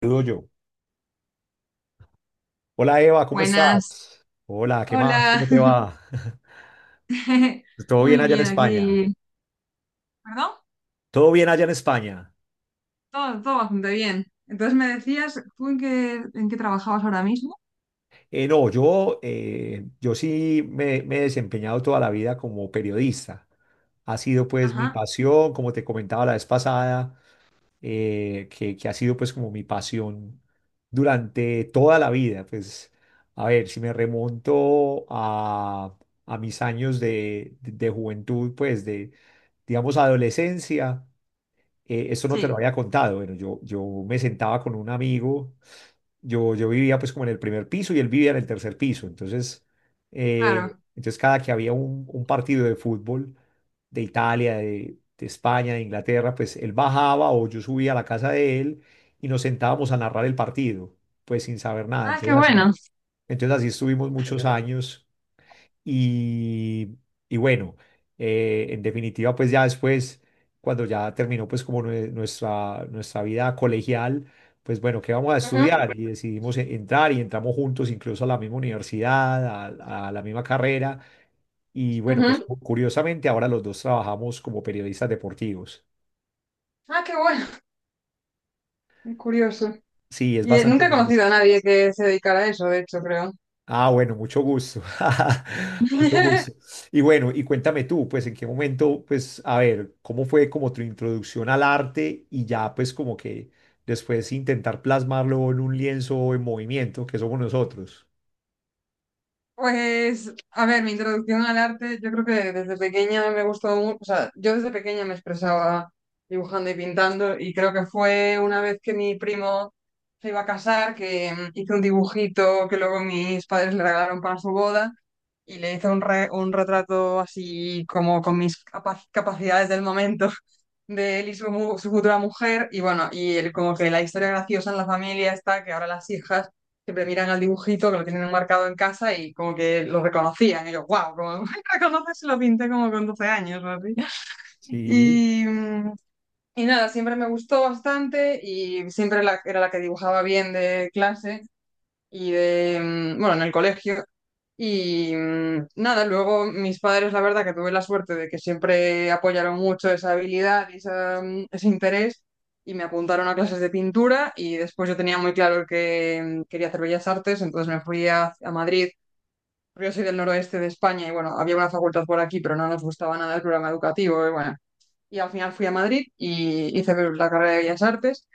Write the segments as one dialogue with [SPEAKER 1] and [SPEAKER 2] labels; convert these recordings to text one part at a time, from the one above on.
[SPEAKER 1] Saludo yo. Hola Eva, ¿cómo
[SPEAKER 2] Buenas.
[SPEAKER 1] estás? Hola, ¿qué más?
[SPEAKER 2] Hola.
[SPEAKER 1] ¿Cómo te va? ¿Todo bien
[SPEAKER 2] Muy
[SPEAKER 1] allá en
[SPEAKER 2] bien,
[SPEAKER 1] España?
[SPEAKER 2] aquí. ¿Perdón?
[SPEAKER 1] ¿Todo bien allá en España?
[SPEAKER 2] Todo bastante bien. Entonces me decías, ¿tú en qué trabajabas ahora mismo?
[SPEAKER 1] No, yo sí me he desempeñado toda la vida como periodista. Ha sido pues mi
[SPEAKER 2] Ajá.
[SPEAKER 1] pasión, como te comentaba la vez pasada, que ha sido pues como mi pasión durante toda la vida. Pues a ver, si me remonto a mis años de juventud, pues de, digamos, adolescencia. Esto no te lo
[SPEAKER 2] Sí,
[SPEAKER 1] había contado. Bueno, yo me sentaba con un amigo. Yo vivía pues como en el primer piso y él vivía en el tercer piso. Entonces, eh,
[SPEAKER 2] claro.
[SPEAKER 1] entonces cada que había un partido de fútbol de Italia, de España, de Inglaterra, pues él bajaba o yo subía a la casa de él y nos sentábamos a narrar el partido, pues sin saber nada.
[SPEAKER 2] Ah, qué
[SPEAKER 1] Entonces así,
[SPEAKER 2] bueno.
[SPEAKER 1] entonces así estuvimos muchos años y, y bueno, en definitiva, pues ya después, cuando ya terminó pues como nuestra vida colegial, pues bueno, ¿qué vamos a
[SPEAKER 2] Ujú,
[SPEAKER 1] estudiar? Y decidimos entrar y entramos juntos incluso a la misma universidad, a la misma carrera. Y bueno, pues
[SPEAKER 2] ujú.
[SPEAKER 1] curiosamente ahora los dos trabajamos como periodistas deportivos.
[SPEAKER 2] Ah, qué bueno. Qué curioso.
[SPEAKER 1] Sí, es
[SPEAKER 2] Y
[SPEAKER 1] bastante.
[SPEAKER 2] nunca he conocido a nadie que se dedicara a eso, de hecho, creo.
[SPEAKER 1] Ah, bueno, mucho gusto. Mucho gusto. Y bueno, y cuéntame tú, pues en qué momento, pues a ver, ¿cómo fue como tu introducción al arte y ya pues como que después intentar plasmarlo en un lienzo en movimiento, que somos nosotros?
[SPEAKER 2] Pues, a ver, mi introducción al arte, yo creo que desde pequeña me gustó mucho, o sea, yo desde pequeña me expresaba dibujando y pintando y creo que fue una vez que mi primo se iba a casar, que hizo un dibujito que luego mis padres le regalaron para su boda y le hice un retrato así como con mis capacidades del momento de él y su, su futura mujer, y bueno, y el, como que la historia graciosa en la familia está que ahora las hijas siempre miran al dibujito que lo tienen marcado en casa y como que lo reconocían, y yo, wow, como reconoces, lo pinté como con 12 años o así.
[SPEAKER 1] Sí.
[SPEAKER 2] Y, y nada, siempre me gustó bastante y siempre era la que dibujaba bien de clase y de, bueno, en el colegio. Y nada, luego mis padres, la verdad que tuve la suerte de que siempre apoyaron mucho esa habilidad y esa, ese interés y me apuntaron a clases de pintura y después yo tenía muy claro que quería hacer bellas artes, entonces me fui a Madrid. Porque yo soy del noroeste de España y bueno, había una facultad por aquí, pero no nos gustaba nada el programa educativo y bueno, y al final fui a Madrid y hice la carrera de bellas artes.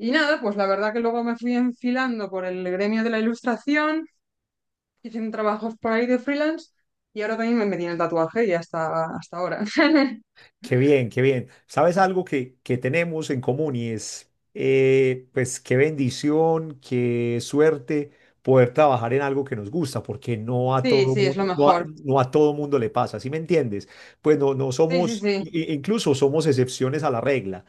[SPEAKER 2] Y nada, pues la verdad que luego me fui enfilando por el gremio de la ilustración haciendo trabajos por ahí de freelance y ahora también me metí en el tatuaje y hasta ahora.
[SPEAKER 1] Qué bien, qué bien. ¿Sabes algo que tenemos en común y es, pues qué bendición, qué suerte poder trabajar en algo que nos gusta, porque no a
[SPEAKER 2] Sí,
[SPEAKER 1] todo
[SPEAKER 2] sí, es lo
[SPEAKER 1] mundo, no a,
[SPEAKER 2] mejor.
[SPEAKER 1] no a todo mundo le pasa, ¿sí me entiendes? Pues no, no
[SPEAKER 2] Sí, sí,
[SPEAKER 1] somos,
[SPEAKER 2] sí,
[SPEAKER 1] incluso somos excepciones a la regla.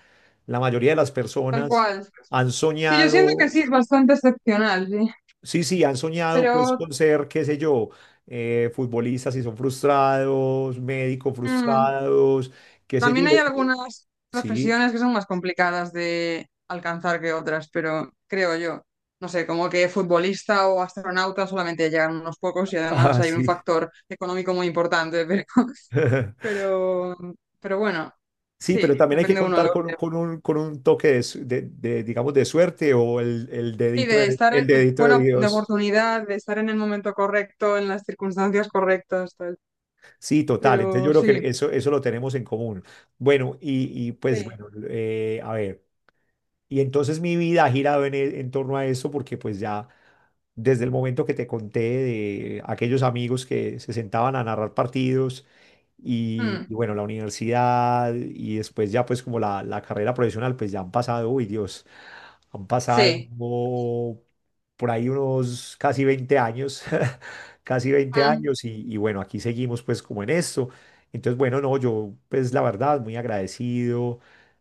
[SPEAKER 1] La mayoría de las
[SPEAKER 2] tal
[SPEAKER 1] personas
[SPEAKER 2] cual.
[SPEAKER 1] han
[SPEAKER 2] Sí, yo siento que
[SPEAKER 1] soñado,
[SPEAKER 2] sí, es bastante excepcional, sí.
[SPEAKER 1] sí, sí, han soñado pues
[SPEAKER 2] Pero
[SPEAKER 1] con ser, qué sé yo, futbolistas y son frustrados, médicos
[SPEAKER 2] mm,
[SPEAKER 1] frustrados, qué sé yo.
[SPEAKER 2] también hay algunas
[SPEAKER 1] Sí.
[SPEAKER 2] profesiones que son más complicadas de alcanzar que otras, pero creo yo. No sé, como que futbolista o astronauta solamente llegan unos pocos y además
[SPEAKER 1] Ah,
[SPEAKER 2] hay un
[SPEAKER 1] sí.
[SPEAKER 2] factor económico muy importante, pero, pero, pero bueno,
[SPEAKER 1] Sí, pero
[SPEAKER 2] sí,
[SPEAKER 1] también hay que
[SPEAKER 2] depende uno de
[SPEAKER 1] contar con, un,
[SPEAKER 2] uno.
[SPEAKER 1] con un con un toque de, de, digamos, de suerte o
[SPEAKER 2] Y de estar,
[SPEAKER 1] el dedito de
[SPEAKER 2] bueno, de
[SPEAKER 1] Dios.
[SPEAKER 2] oportunidad, de estar en el momento correcto, en las circunstancias correctas, tal.
[SPEAKER 1] Sí, total. Entonces yo
[SPEAKER 2] Pero
[SPEAKER 1] creo
[SPEAKER 2] sí.
[SPEAKER 1] que eso lo tenemos en común. Bueno, y pues
[SPEAKER 2] Sí.
[SPEAKER 1] bueno, a ver. Y entonces mi vida ha girado en, en torno a eso porque pues ya desde el momento que te conté de aquellos amigos que se sentaban a narrar partidos y,
[SPEAKER 2] Mm,
[SPEAKER 1] y bueno, la universidad y después ya pues como la carrera profesional, pues ya han pasado, uy Dios. Han pasado
[SPEAKER 2] sí.
[SPEAKER 1] por ahí unos casi 20 años, casi veinte
[SPEAKER 2] Mm,
[SPEAKER 1] años y bueno, aquí seguimos pues como en esto. Entonces, bueno, no, yo pues la verdad muy agradecido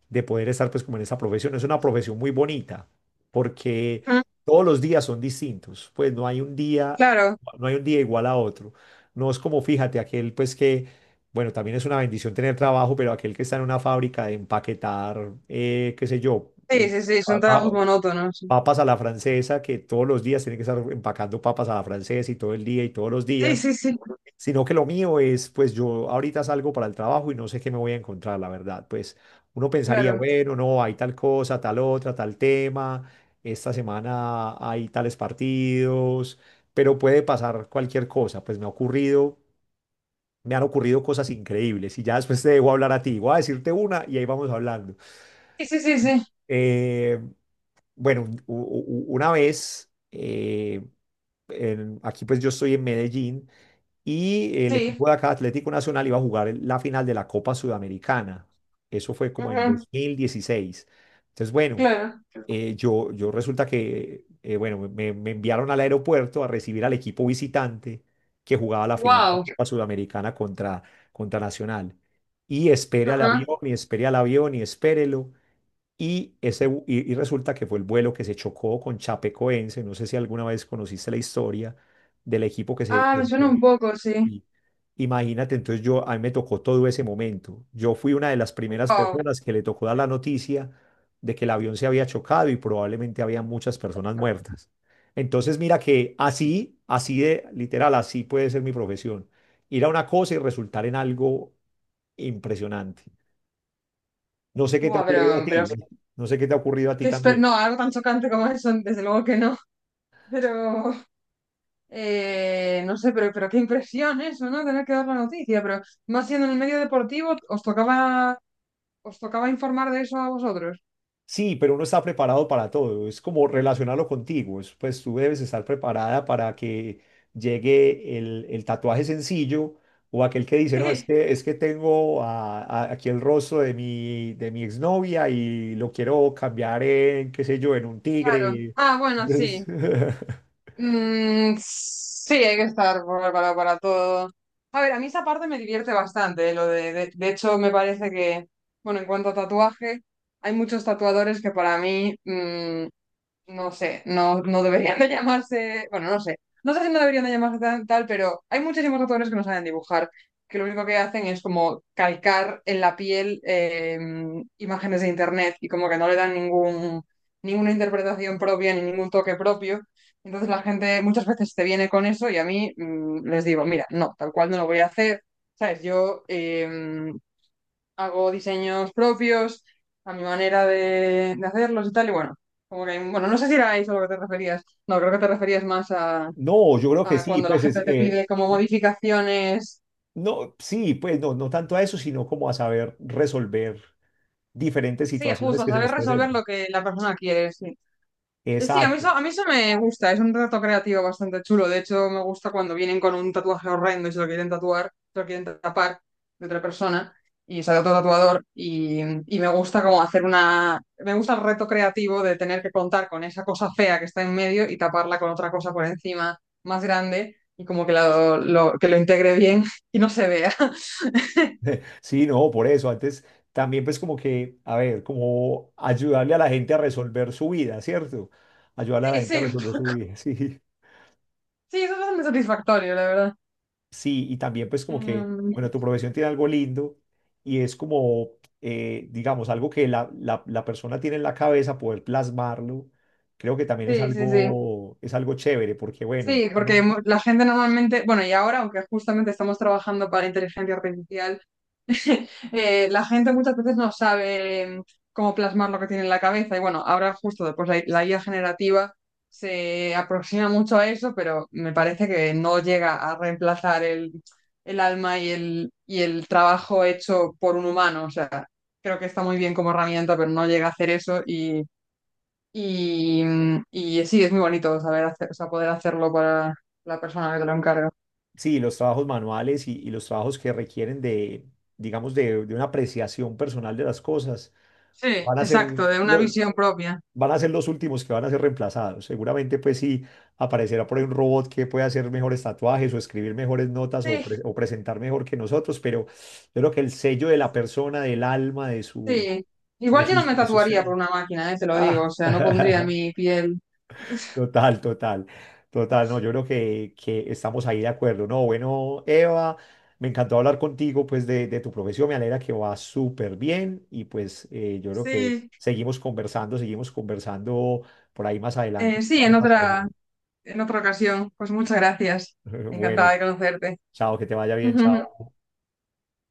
[SPEAKER 1] de poder estar pues como en esta profesión. Es una profesión muy bonita porque
[SPEAKER 2] mm,
[SPEAKER 1] todos los días son distintos, pues no hay un día,
[SPEAKER 2] claro,
[SPEAKER 1] no hay un día igual a otro. No es como, fíjate, aquel pues que, bueno, también es una bendición tener trabajo, pero aquel que está en una fábrica de empaquetar, qué sé yo.
[SPEAKER 2] sí, sí, sí, son
[SPEAKER 1] Pa- pa-
[SPEAKER 2] trabajos monótonos.
[SPEAKER 1] papas a la francesa, que todos los días tienen que estar empacando papas a la francesa y todo el día y todos los
[SPEAKER 2] Sí,
[SPEAKER 1] días,
[SPEAKER 2] sí, sí,
[SPEAKER 1] sino que lo mío es, pues yo ahorita salgo para el trabajo y no sé qué me voy a encontrar, la verdad. Pues uno pensaría,
[SPEAKER 2] claro.
[SPEAKER 1] bueno, no, hay tal cosa, tal otra, tal tema, esta semana hay tales partidos, pero puede pasar cualquier cosa, pues me ha ocurrido. Me han ocurrido cosas increíbles y ya después te debo hablar a ti. Voy a decirte una y ahí vamos hablando.
[SPEAKER 2] Sí, sí, sí, sí,
[SPEAKER 1] Eh, bueno, una vez aquí pues yo estoy en Medellín y el
[SPEAKER 2] sí.
[SPEAKER 1] equipo de acá, Atlético Nacional, iba a jugar la final de la Copa Sudamericana. Eso fue como en
[SPEAKER 2] Ujú,
[SPEAKER 1] 2016. Entonces, bueno,
[SPEAKER 2] claro.
[SPEAKER 1] yo, yo resulta que, bueno, me enviaron al aeropuerto a recibir al equipo visitante que jugaba la final de la
[SPEAKER 2] Wow.
[SPEAKER 1] Copa Sudamericana contra, contra Nacional. Y espere al
[SPEAKER 2] Ajá.
[SPEAKER 1] avión, y espere al avión, y espérelo. Y resulta que fue el vuelo que se chocó con Chapecoense. No sé si alguna vez conociste la historia del equipo que se,
[SPEAKER 2] Ah,
[SPEAKER 1] que
[SPEAKER 2] me
[SPEAKER 1] se
[SPEAKER 2] suena
[SPEAKER 1] chocó.
[SPEAKER 2] un poco, sí.
[SPEAKER 1] Y imagínate, entonces yo, a mí me tocó todo ese momento. Yo fui una de las primeras
[SPEAKER 2] Wow.
[SPEAKER 1] personas que le tocó dar la noticia de que el avión se había chocado y probablemente había muchas personas muertas. Entonces mira que así, así de literal, así puede ser mi profesión. Ir a una cosa y resultar en algo impresionante. No sé qué te ha
[SPEAKER 2] Wow,
[SPEAKER 1] ocurrido a
[SPEAKER 2] pero...
[SPEAKER 1] ti. No sé qué te ha ocurrido a ti también.
[SPEAKER 2] no, algo tan chocante como eso, desde luego que no. Pero... no sé, pero qué impresión eso, ¿no? Tener que dar la noticia, pero más siendo en el medio deportivo, os tocaba informar de eso a vosotros.
[SPEAKER 1] Sí, pero uno está preparado para todo. Es como relacionarlo contigo. Es, pues tú debes estar preparada para que llegue el tatuaje sencillo o aquel que dice, no,
[SPEAKER 2] Sí.
[SPEAKER 1] es que tengo aquí el rostro de mi exnovia y lo quiero cambiar en, qué sé yo, en un
[SPEAKER 2] Claro.
[SPEAKER 1] tigre.
[SPEAKER 2] Ah, bueno,
[SPEAKER 1] Entonces,
[SPEAKER 2] sí. Mm, sí, hay que estar preparado para todo. A ver, a mí esa parte me divierte bastante, lo de hecho me parece que, bueno, en cuanto a tatuaje, hay muchos tatuadores que para mí no sé, no deberían de llamarse, bueno, no sé, no sé si no deberían de llamarse tal, pero hay muchísimos autores que no saben dibujar, que lo único que hacen es como calcar en la piel imágenes de internet y como que no le dan ninguna interpretación propia ni ningún toque propio. Entonces la gente muchas veces te viene con eso y a mí les digo, mira, no, tal cual no lo voy a hacer. ¿Sabes? Yo, hago diseños propios, a mi manera de hacerlos y tal, y bueno, como que hay bueno, no sé si era eso a lo que te referías, no, creo que te referías más
[SPEAKER 1] no, yo creo que
[SPEAKER 2] a
[SPEAKER 1] sí,
[SPEAKER 2] cuando la
[SPEAKER 1] pues es,
[SPEAKER 2] gente te pide como modificaciones,
[SPEAKER 1] no, sí, pues no, no tanto a eso, sino como a saber resolver diferentes
[SPEAKER 2] sí,
[SPEAKER 1] situaciones
[SPEAKER 2] justo,
[SPEAKER 1] que se
[SPEAKER 2] saber
[SPEAKER 1] nos
[SPEAKER 2] resolver
[SPEAKER 1] presenten.
[SPEAKER 2] lo que la persona quiere, sí. Sí,
[SPEAKER 1] Exacto.
[SPEAKER 2] a mí eso me gusta, es un reto creativo bastante chulo. De hecho, me gusta cuando vienen con un tatuaje horrendo y se lo quieren tapar de otra persona y sale otro tatuador. Y me gusta como hacer una. Me gusta el reto creativo de tener que contar con esa cosa fea que está en medio y taparla con otra cosa por encima más grande y como que, que lo integre bien y no se vea.
[SPEAKER 1] Sí, no, por eso. Antes también pues como que, a ver, como ayudarle a la gente a resolver su vida, ¿cierto? Ayudarle a la
[SPEAKER 2] Sí,
[SPEAKER 1] gente a
[SPEAKER 2] sí,
[SPEAKER 1] resolver su vida, sí.
[SPEAKER 2] sí, eso es bastante satisfactorio, la verdad.
[SPEAKER 1] Sí, y también pues como que,
[SPEAKER 2] Mm,
[SPEAKER 1] bueno, tu profesión tiene algo lindo y es como, digamos, algo que la persona tiene en la cabeza, poder plasmarlo. Creo que también
[SPEAKER 2] sí, sí, sí.
[SPEAKER 1] es algo chévere porque, bueno,
[SPEAKER 2] Sí, porque la gente normalmente, bueno, y ahora, aunque justamente estamos trabajando para inteligencia artificial, la gente muchas veces no sabe cómo plasmar lo que tiene en la cabeza. Y bueno, ahora justo después la IA generativa se aproxima mucho a eso, pero me parece que no llega a reemplazar el alma y el trabajo hecho por un humano. O sea, creo que está muy bien como herramienta, pero no llega a hacer eso y, y sí, es muy bonito saber hacer, o sea, poder hacerlo para la persona que te lo encarga.
[SPEAKER 1] sí, los trabajos manuales y los trabajos que requieren de, digamos, de una apreciación personal de las cosas
[SPEAKER 2] Sí,
[SPEAKER 1] van a ser
[SPEAKER 2] exacto, de una
[SPEAKER 1] lo-
[SPEAKER 2] visión propia.
[SPEAKER 1] van a ser los últimos que van a ser reemplazados. Seguramente, pues sí, aparecerá por ahí un robot que pueda hacer mejores tatuajes o escribir mejores notas o,
[SPEAKER 2] Sí,
[SPEAKER 1] presentar mejor que nosotros, pero yo creo que el sello de la persona, del alma, de su,
[SPEAKER 2] sí. Igual yo no me
[SPEAKER 1] de su
[SPEAKER 2] tatuaría
[SPEAKER 1] ser.
[SPEAKER 2] por una máquina, te lo digo, o
[SPEAKER 1] Ah.
[SPEAKER 2] sea, no pondría mi piel.
[SPEAKER 1] Total, total, total. No, yo creo que estamos ahí de acuerdo. No, bueno, Eva, me encantó hablar contigo, pues, de tu profesión. Me alegra que va súper bien y pues yo creo que
[SPEAKER 2] Sí,
[SPEAKER 1] seguimos conversando por ahí más adelante.
[SPEAKER 2] sí, en otra ocasión. Pues muchas gracias.
[SPEAKER 1] Bueno,
[SPEAKER 2] Encantada de conocerte.
[SPEAKER 1] chao, que te vaya bien, chao.